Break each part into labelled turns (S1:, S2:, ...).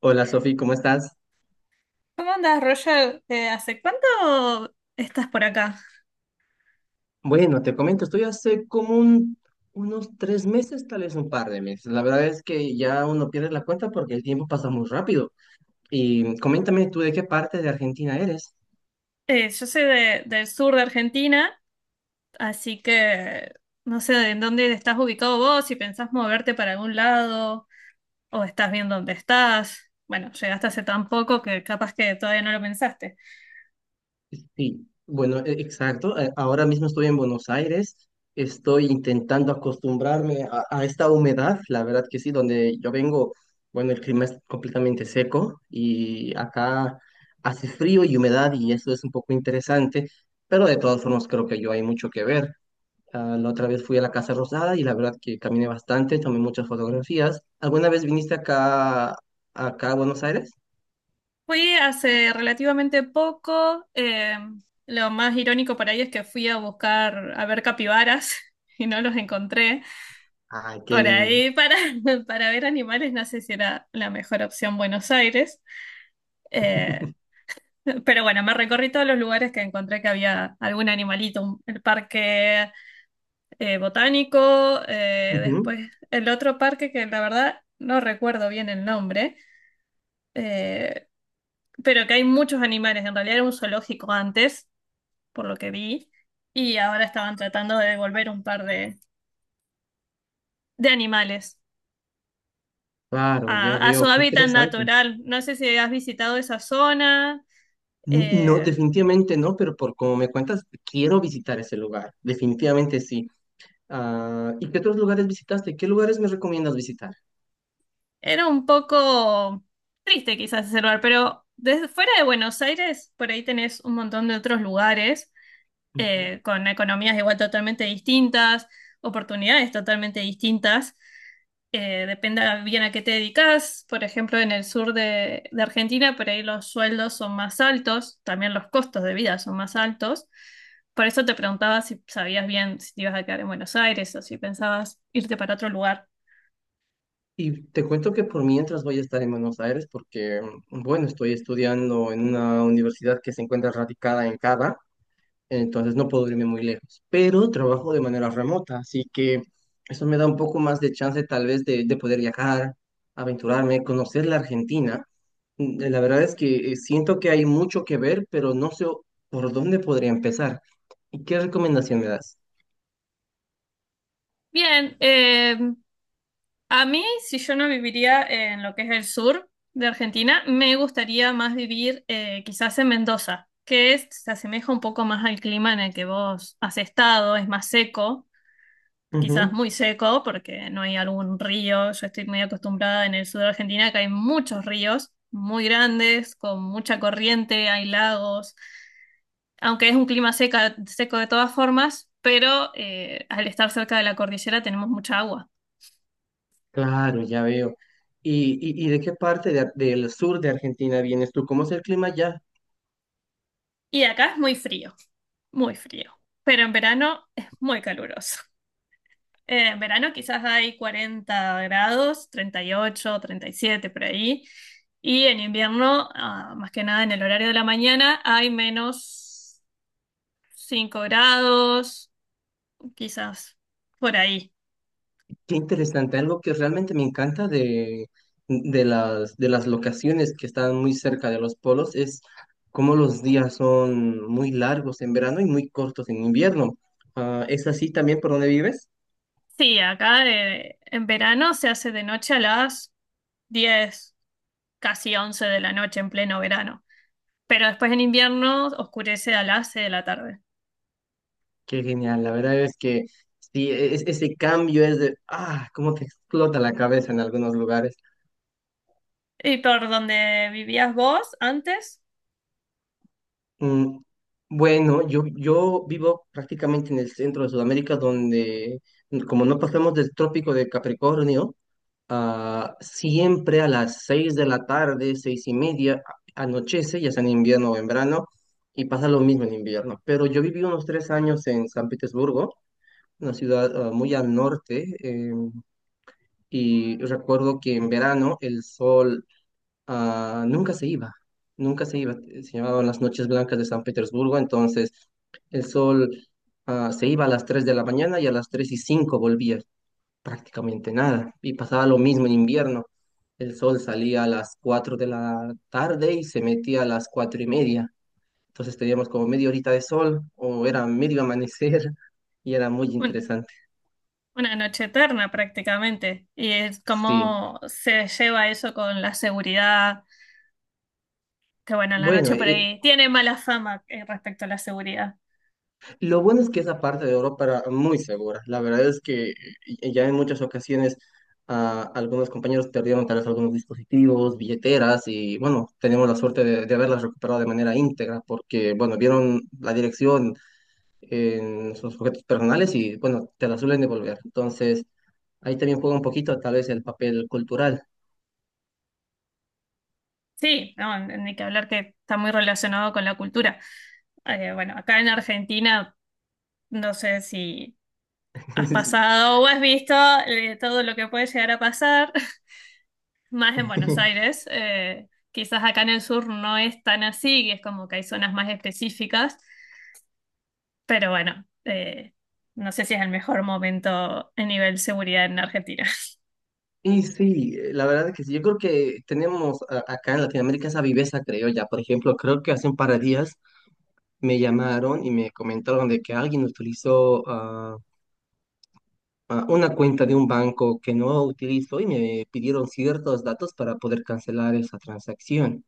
S1: Hola Sofi, ¿cómo estás?
S2: ¿Cómo andas, Roger? ¿Hace cuánto estás por acá?
S1: Bueno, te comento, estoy hace como unos 3 meses, tal vez un par de meses. La verdad es que ya uno pierde la cuenta porque el tiempo pasa muy rápido. Y coméntame tú de qué parte de Argentina eres.
S2: Yo soy del sur de Argentina, así que no sé en dónde estás ubicado vos, si pensás moverte para algún lado o estás bien dónde estás. Bueno, llegaste hace tan poco que capaz que todavía no lo pensaste.
S1: Sí, bueno, exacto. Ahora mismo estoy en Buenos Aires. Estoy intentando acostumbrarme a esta humedad. La verdad que sí, donde yo vengo, bueno, el clima es completamente seco y acá hace frío y humedad y eso es un poco interesante, pero de todas formas creo que yo hay mucho que ver. Ah, la otra vez fui a la Casa Rosada y la verdad que caminé bastante, tomé muchas fotografías. ¿Alguna vez viniste acá a Buenos Aires?
S2: Fui hace relativamente poco. Lo más irónico por ahí es que fui a buscar a ver capibaras y no los encontré.
S1: Ay, qué
S2: Por
S1: lindo.
S2: ahí para ver animales no sé si era la mejor opción Buenos Aires. Eh, pero bueno, me recorrí todos los lugares que encontré que había algún animalito, el parque botánico,
S1: Ujú.
S2: después el otro parque que la verdad no recuerdo bien el nombre, eh, pero que hay muchos animales, en realidad era un zoológico antes, por lo que vi, y ahora estaban tratando de devolver un par de animales
S1: Claro, ya
S2: a su
S1: veo, qué
S2: hábitat
S1: interesante.
S2: natural. No sé si has visitado esa zona.
S1: No,
S2: Eh,
S1: definitivamente no, pero por como me cuentas, quiero visitar ese lugar. Definitivamente sí. Ah, ¿y qué otros lugares visitaste? ¿Qué lugares me recomiendas visitar?
S2: era un poco triste quizás ese lugar, pero desde fuera de Buenos Aires, por ahí tenés un montón de otros lugares
S1: Ujú.
S2: con economías igual totalmente distintas, oportunidades totalmente distintas. Depende bien a qué te dedicas. Por ejemplo, en el sur de Argentina, por ahí los sueldos son más altos, también los costos de vida son más altos. Por eso te preguntaba si sabías bien si te ibas a quedar en Buenos Aires o si pensabas irte para otro lugar.
S1: Y te cuento que por mientras voy a estar en Buenos Aires porque, bueno, estoy estudiando en una universidad que se encuentra radicada en Cava. Entonces no puedo irme muy lejos, pero trabajo de manera remota, así que eso me da un poco más de chance tal vez de poder viajar, aventurarme, conocer la Argentina. La verdad es que siento que hay mucho que ver, pero no sé por dónde podría empezar. ¿Y qué recomendación me das?
S2: Bien, a mí, si yo no viviría en lo que es el sur de Argentina, me gustaría más vivir quizás en Mendoza, que se asemeja un poco más al clima en el que vos has estado, es más seco, quizás
S1: Ujú.
S2: muy seco, porque no hay algún río. Yo estoy muy acostumbrada en el sur de Argentina, que hay muchos ríos muy grandes, con mucha corriente, hay lagos, aunque es un clima seca, seco de todas formas, pero al estar cerca de la cordillera tenemos mucha agua.
S1: Claro, ya veo. ¿Y, y de qué parte de del sur de Argentina vienes tú? ¿Cómo es el clima allá?
S2: Y acá es muy frío, muy frío, pero en verano es muy caluroso. En verano quizás hay 40 grados, 38, 37 por ahí, y en invierno, ah, más que nada en el horario de la mañana, hay menos 5 grados, quizás por ahí.
S1: Qué interesante, algo que realmente me encanta de las locaciones que están muy cerca de los polos es cómo los días son muy largos en verano y muy cortos en invierno. Ah, ¿es así también por donde vives?
S2: Sí, acá en verano se hace de noche a las 10, casi 11 de la noche en pleno verano, pero después en invierno oscurece a las 6 de la tarde.
S1: Qué genial, la verdad es que sí, ese cambio es de, cómo te explota la cabeza en algunos lugares.
S2: ¿Y por donde vivías vos antes?
S1: Mm, bueno, yo vivo prácticamente en el centro de Sudamérica donde como no pasamos del trópico de Capricornio. Ah, siempre a las 6 de la tarde, 6:30, anochece, ya sea en invierno o en verano, y pasa lo mismo en invierno. Pero yo viví unos 3 años en San Petersburgo, una ciudad muy al norte, y recuerdo que en verano el sol nunca se iba, nunca se iba. Se llamaban las noches blancas de San Petersburgo, entonces el sol se iba a las 3 de la mañana y a las 3:05 volvía, prácticamente nada. Y pasaba lo mismo en invierno. El sol salía a las 4 de la tarde y se metía a las 4:30. Entonces teníamos como media horita de sol o era medio amanecer y era muy
S2: Un-
S1: interesante.
S2: una noche eterna prácticamente. Y es
S1: Sí.
S2: cómo se lleva eso con la seguridad, que bueno, en la
S1: Bueno,
S2: noche por ahí tiene mala fama respecto a la seguridad.
S1: lo bueno es que esa parte de Europa era muy segura. La verdad es que ya en muchas ocasiones algunos compañeros perdieron tal vez algunos dispositivos, billeteras y bueno, tenemos la suerte de haberlas recuperado de manera íntegra porque bueno, vieron la dirección en sus objetos personales y, bueno, te la suelen devolver. Entonces, ahí también juega un poquito tal vez el papel cultural.
S2: Sí, no, ni que hablar que está muy relacionado con la cultura. Bueno, acá en Argentina, no sé si has pasado o has visto todo lo que puede llegar a pasar. Más en Buenos Aires. Eh, quizás acá en el sur no es tan así, y es como que hay zonas más específicas, pero bueno, no sé si es el mejor momento a nivel seguridad en Argentina.
S1: Y sí, la verdad que sí, yo creo que tenemos acá en Latinoamérica esa viveza criolla. Por ejemplo, creo que hace un par de días me llamaron y me comentaron de que alguien utilizó una cuenta de un banco que no utilizo y me pidieron ciertos datos para poder cancelar esa transacción.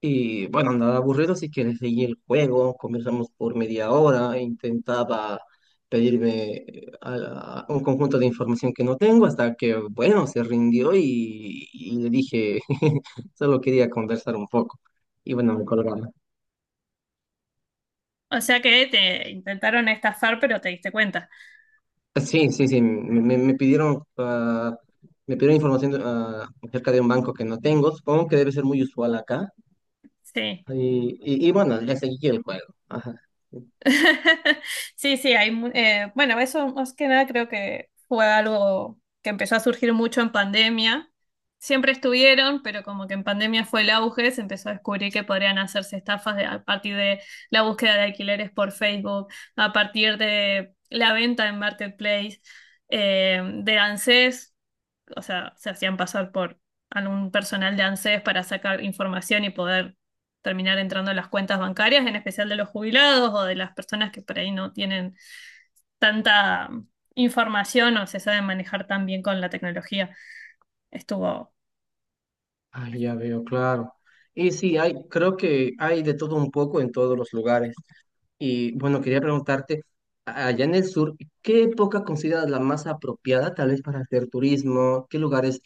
S1: Y bueno, andaba aburrido, así que le seguí el juego, conversamos por media hora, e intentaba pedirme a un conjunto de información que no tengo, hasta que, bueno, se rindió y le dije, solo quería conversar un poco. Y bueno, me colgaron.
S2: O sea que te intentaron estafar, pero te diste cuenta.
S1: Sí, sí, sí, me pidieron, me pidieron información acerca de un banco que no tengo, supongo que debe ser muy usual acá.
S2: Sí.
S1: Y bueno, le seguí el juego. Ajá.
S2: Sí, sí, hay, bueno, eso más que nada creo que fue algo que empezó a surgir mucho en pandemia. Siempre estuvieron, pero como que en pandemia fue el auge, se empezó a descubrir que podrían hacerse estafas a partir de la búsqueda de alquileres por Facebook, a partir de la venta en Marketplace, de ANSES, o sea, se hacían pasar por algún personal de ANSES para sacar información y poder terminar entrando en las cuentas bancarias, en especial de los jubilados o de las personas que por ahí no tienen tanta información o se saben manejar tan bien con la tecnología. Estuvo
S1: Ah, ya veo, claro. Y sí, hay, creo que hay de todo un poco en todos los lugares. Y bueno, quería preguntarte, allá en el sur, ¿qué época consideras la más apropiada tal vez para hacer turismo? ¿Qué lugares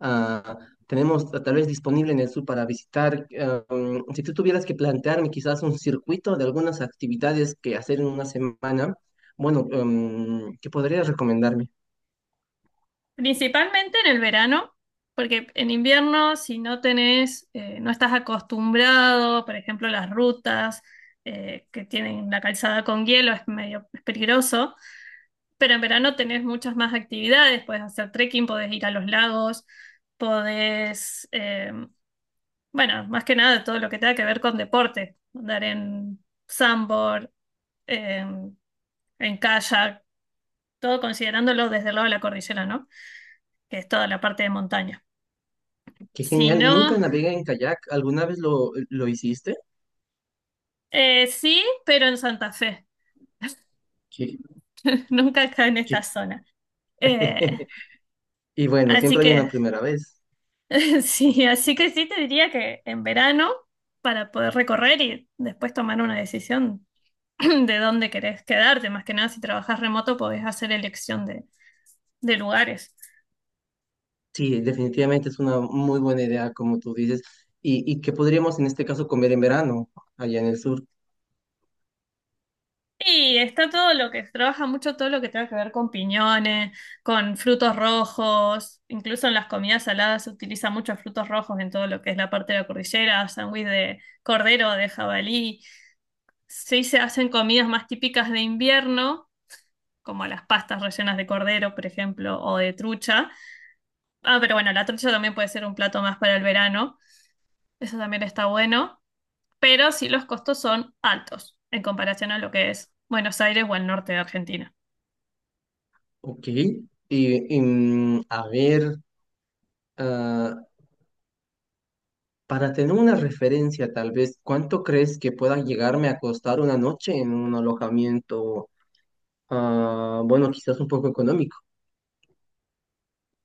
S1: ah, tenemos, tal vez disponible en el sur para visitar? Ah, si tú tuvieras que plantearme quizás un circuito de algunas actividades que hacer en una semana, bueno, ¿qué podrías recomendarme?
S2: principalmente en el verano, porque en invierno si no tenés, no estás acostumbrado, por ejemplo, las rutas que tienen la calzada con hielo es medio es peligroso. Pero en verano tenés muchas más actividades, podés hacer trekking, podés ir a los lagos, podés, eh, bueno, más que nada todo lo que tenga que ver con deporte, andar en sandboard, en, en kayak, todo considerándolo desde el lado de la cordillera, ¿no? Que es toda la parte de montaña.
S1: Qué
S2: Si
S1: genial,
S2: no,
S1: nunca navegué en kayak, ¿alguna vez lo hiciste?
S2: sí, pero en Santa Fe, nunca acá
S1: Qué-
S2: en esta
S1: qué-
S2: zona. Eh,
S1: Y bueno,
S2: Así
S1: siempre hay una
S2: que
S1: primera vez.
S2: sí, así que sí te diría que en verano, para poder recorrer y después tomar una decisión de dónde querés quedarte, más que nada si trabajas remoto podés hacer elección de lugares.
S1: Sí, definitivamente es una muy buena idea, como tú dices. ¿Y qué podríamos en este caso comer en verano, allá en el sur?
S2: Y está todo lo que se trabaja mucho, todo lo que tenga que ver con piñones, con frutos rojos, incluso en las comidas saladas se utilizan muchos frutos rojos en todo lo que es la parte de la cordillera, sándwich de cordero, de jabalí. Sí se hacen comidas más típicas de invierno como las pastas rellenas de cordero, por ejemplo, o de trucha. Ah, pero bueno, la trucha también puede ser un plato más para el verano, eso también está bueno, pero sí los costos son altos en comparación a lo que es Buenos Aires o el norte de Argentina.
S1: Ok. Y, a ver, ah, para tener una referencia, tal vez, ¿cuánto crees que pueda llegarme a costar una noche en un alojamiento, bueno, quizás un poco económico?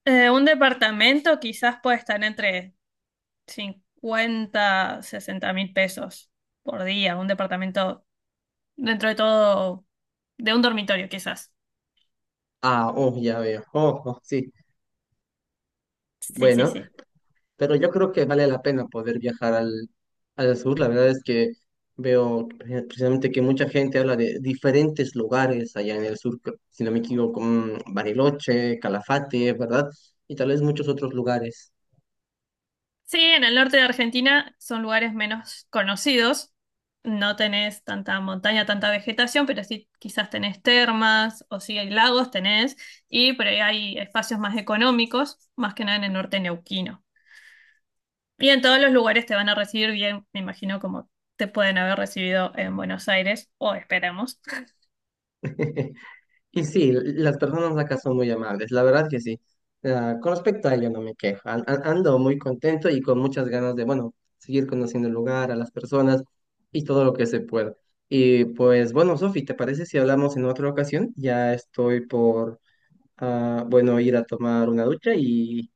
S2: Un departamento quizás puede estar entre 50, 60 mil pesos por día, un departamento dentro de todo, de un dormitorio quizás.
S1: Ah, oh, ya veo. Oh, oh, sí.
S2: Sí, sí,
S1: Bueno,
S2: sí.
S1: pero yo creo que vale la pena poder viajar al sur. La verdad es que veo precisamente que mucha gente habla de diferentes lugares allá en el sur, si no me equivoco, Bariloche, Calafate, ¿verdad? Y tal vez muchos otros lugares.
S2: Sí, en el norte de Argentina son lugares menos conocidos. No tenés tanta montaña, tanta vegetación, pero sí quizás tenés termas o sí hay lagos, tenés, y por ahí hay espacios más económicos, más que nada en el norte neuquino. Y en todos los lugares te van a recibir bien, me imagino, como te pueden haber recibido en Buenos Aires, o esperamos.
S1: Y sí, las personas acá son muy amables, la verdad que sí. Ah, con respecto a ello, no me quejo. Ando muy contento y con muchas ganas de, bueno, seguir conociendo el lugar, a las personas y todo lo que se pueda. Y pues, bueno, Sofi, ¿te parece si hablamos en otra ocasión? Ya estoy por, bueno, ir a tomar una ducha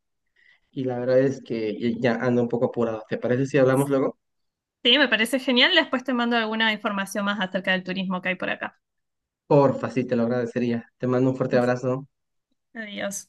S1: y la verdad es que ya ando un poco apurado. ¿Te parece si hablamos luego?
S2: Sí, me parece genial. Después te mando alguna información más acerca del turismo que hay por acá.
S1: Porfa, sí, te lo agradecería. Te mando un fuerte abrazo.
S2: Adiós.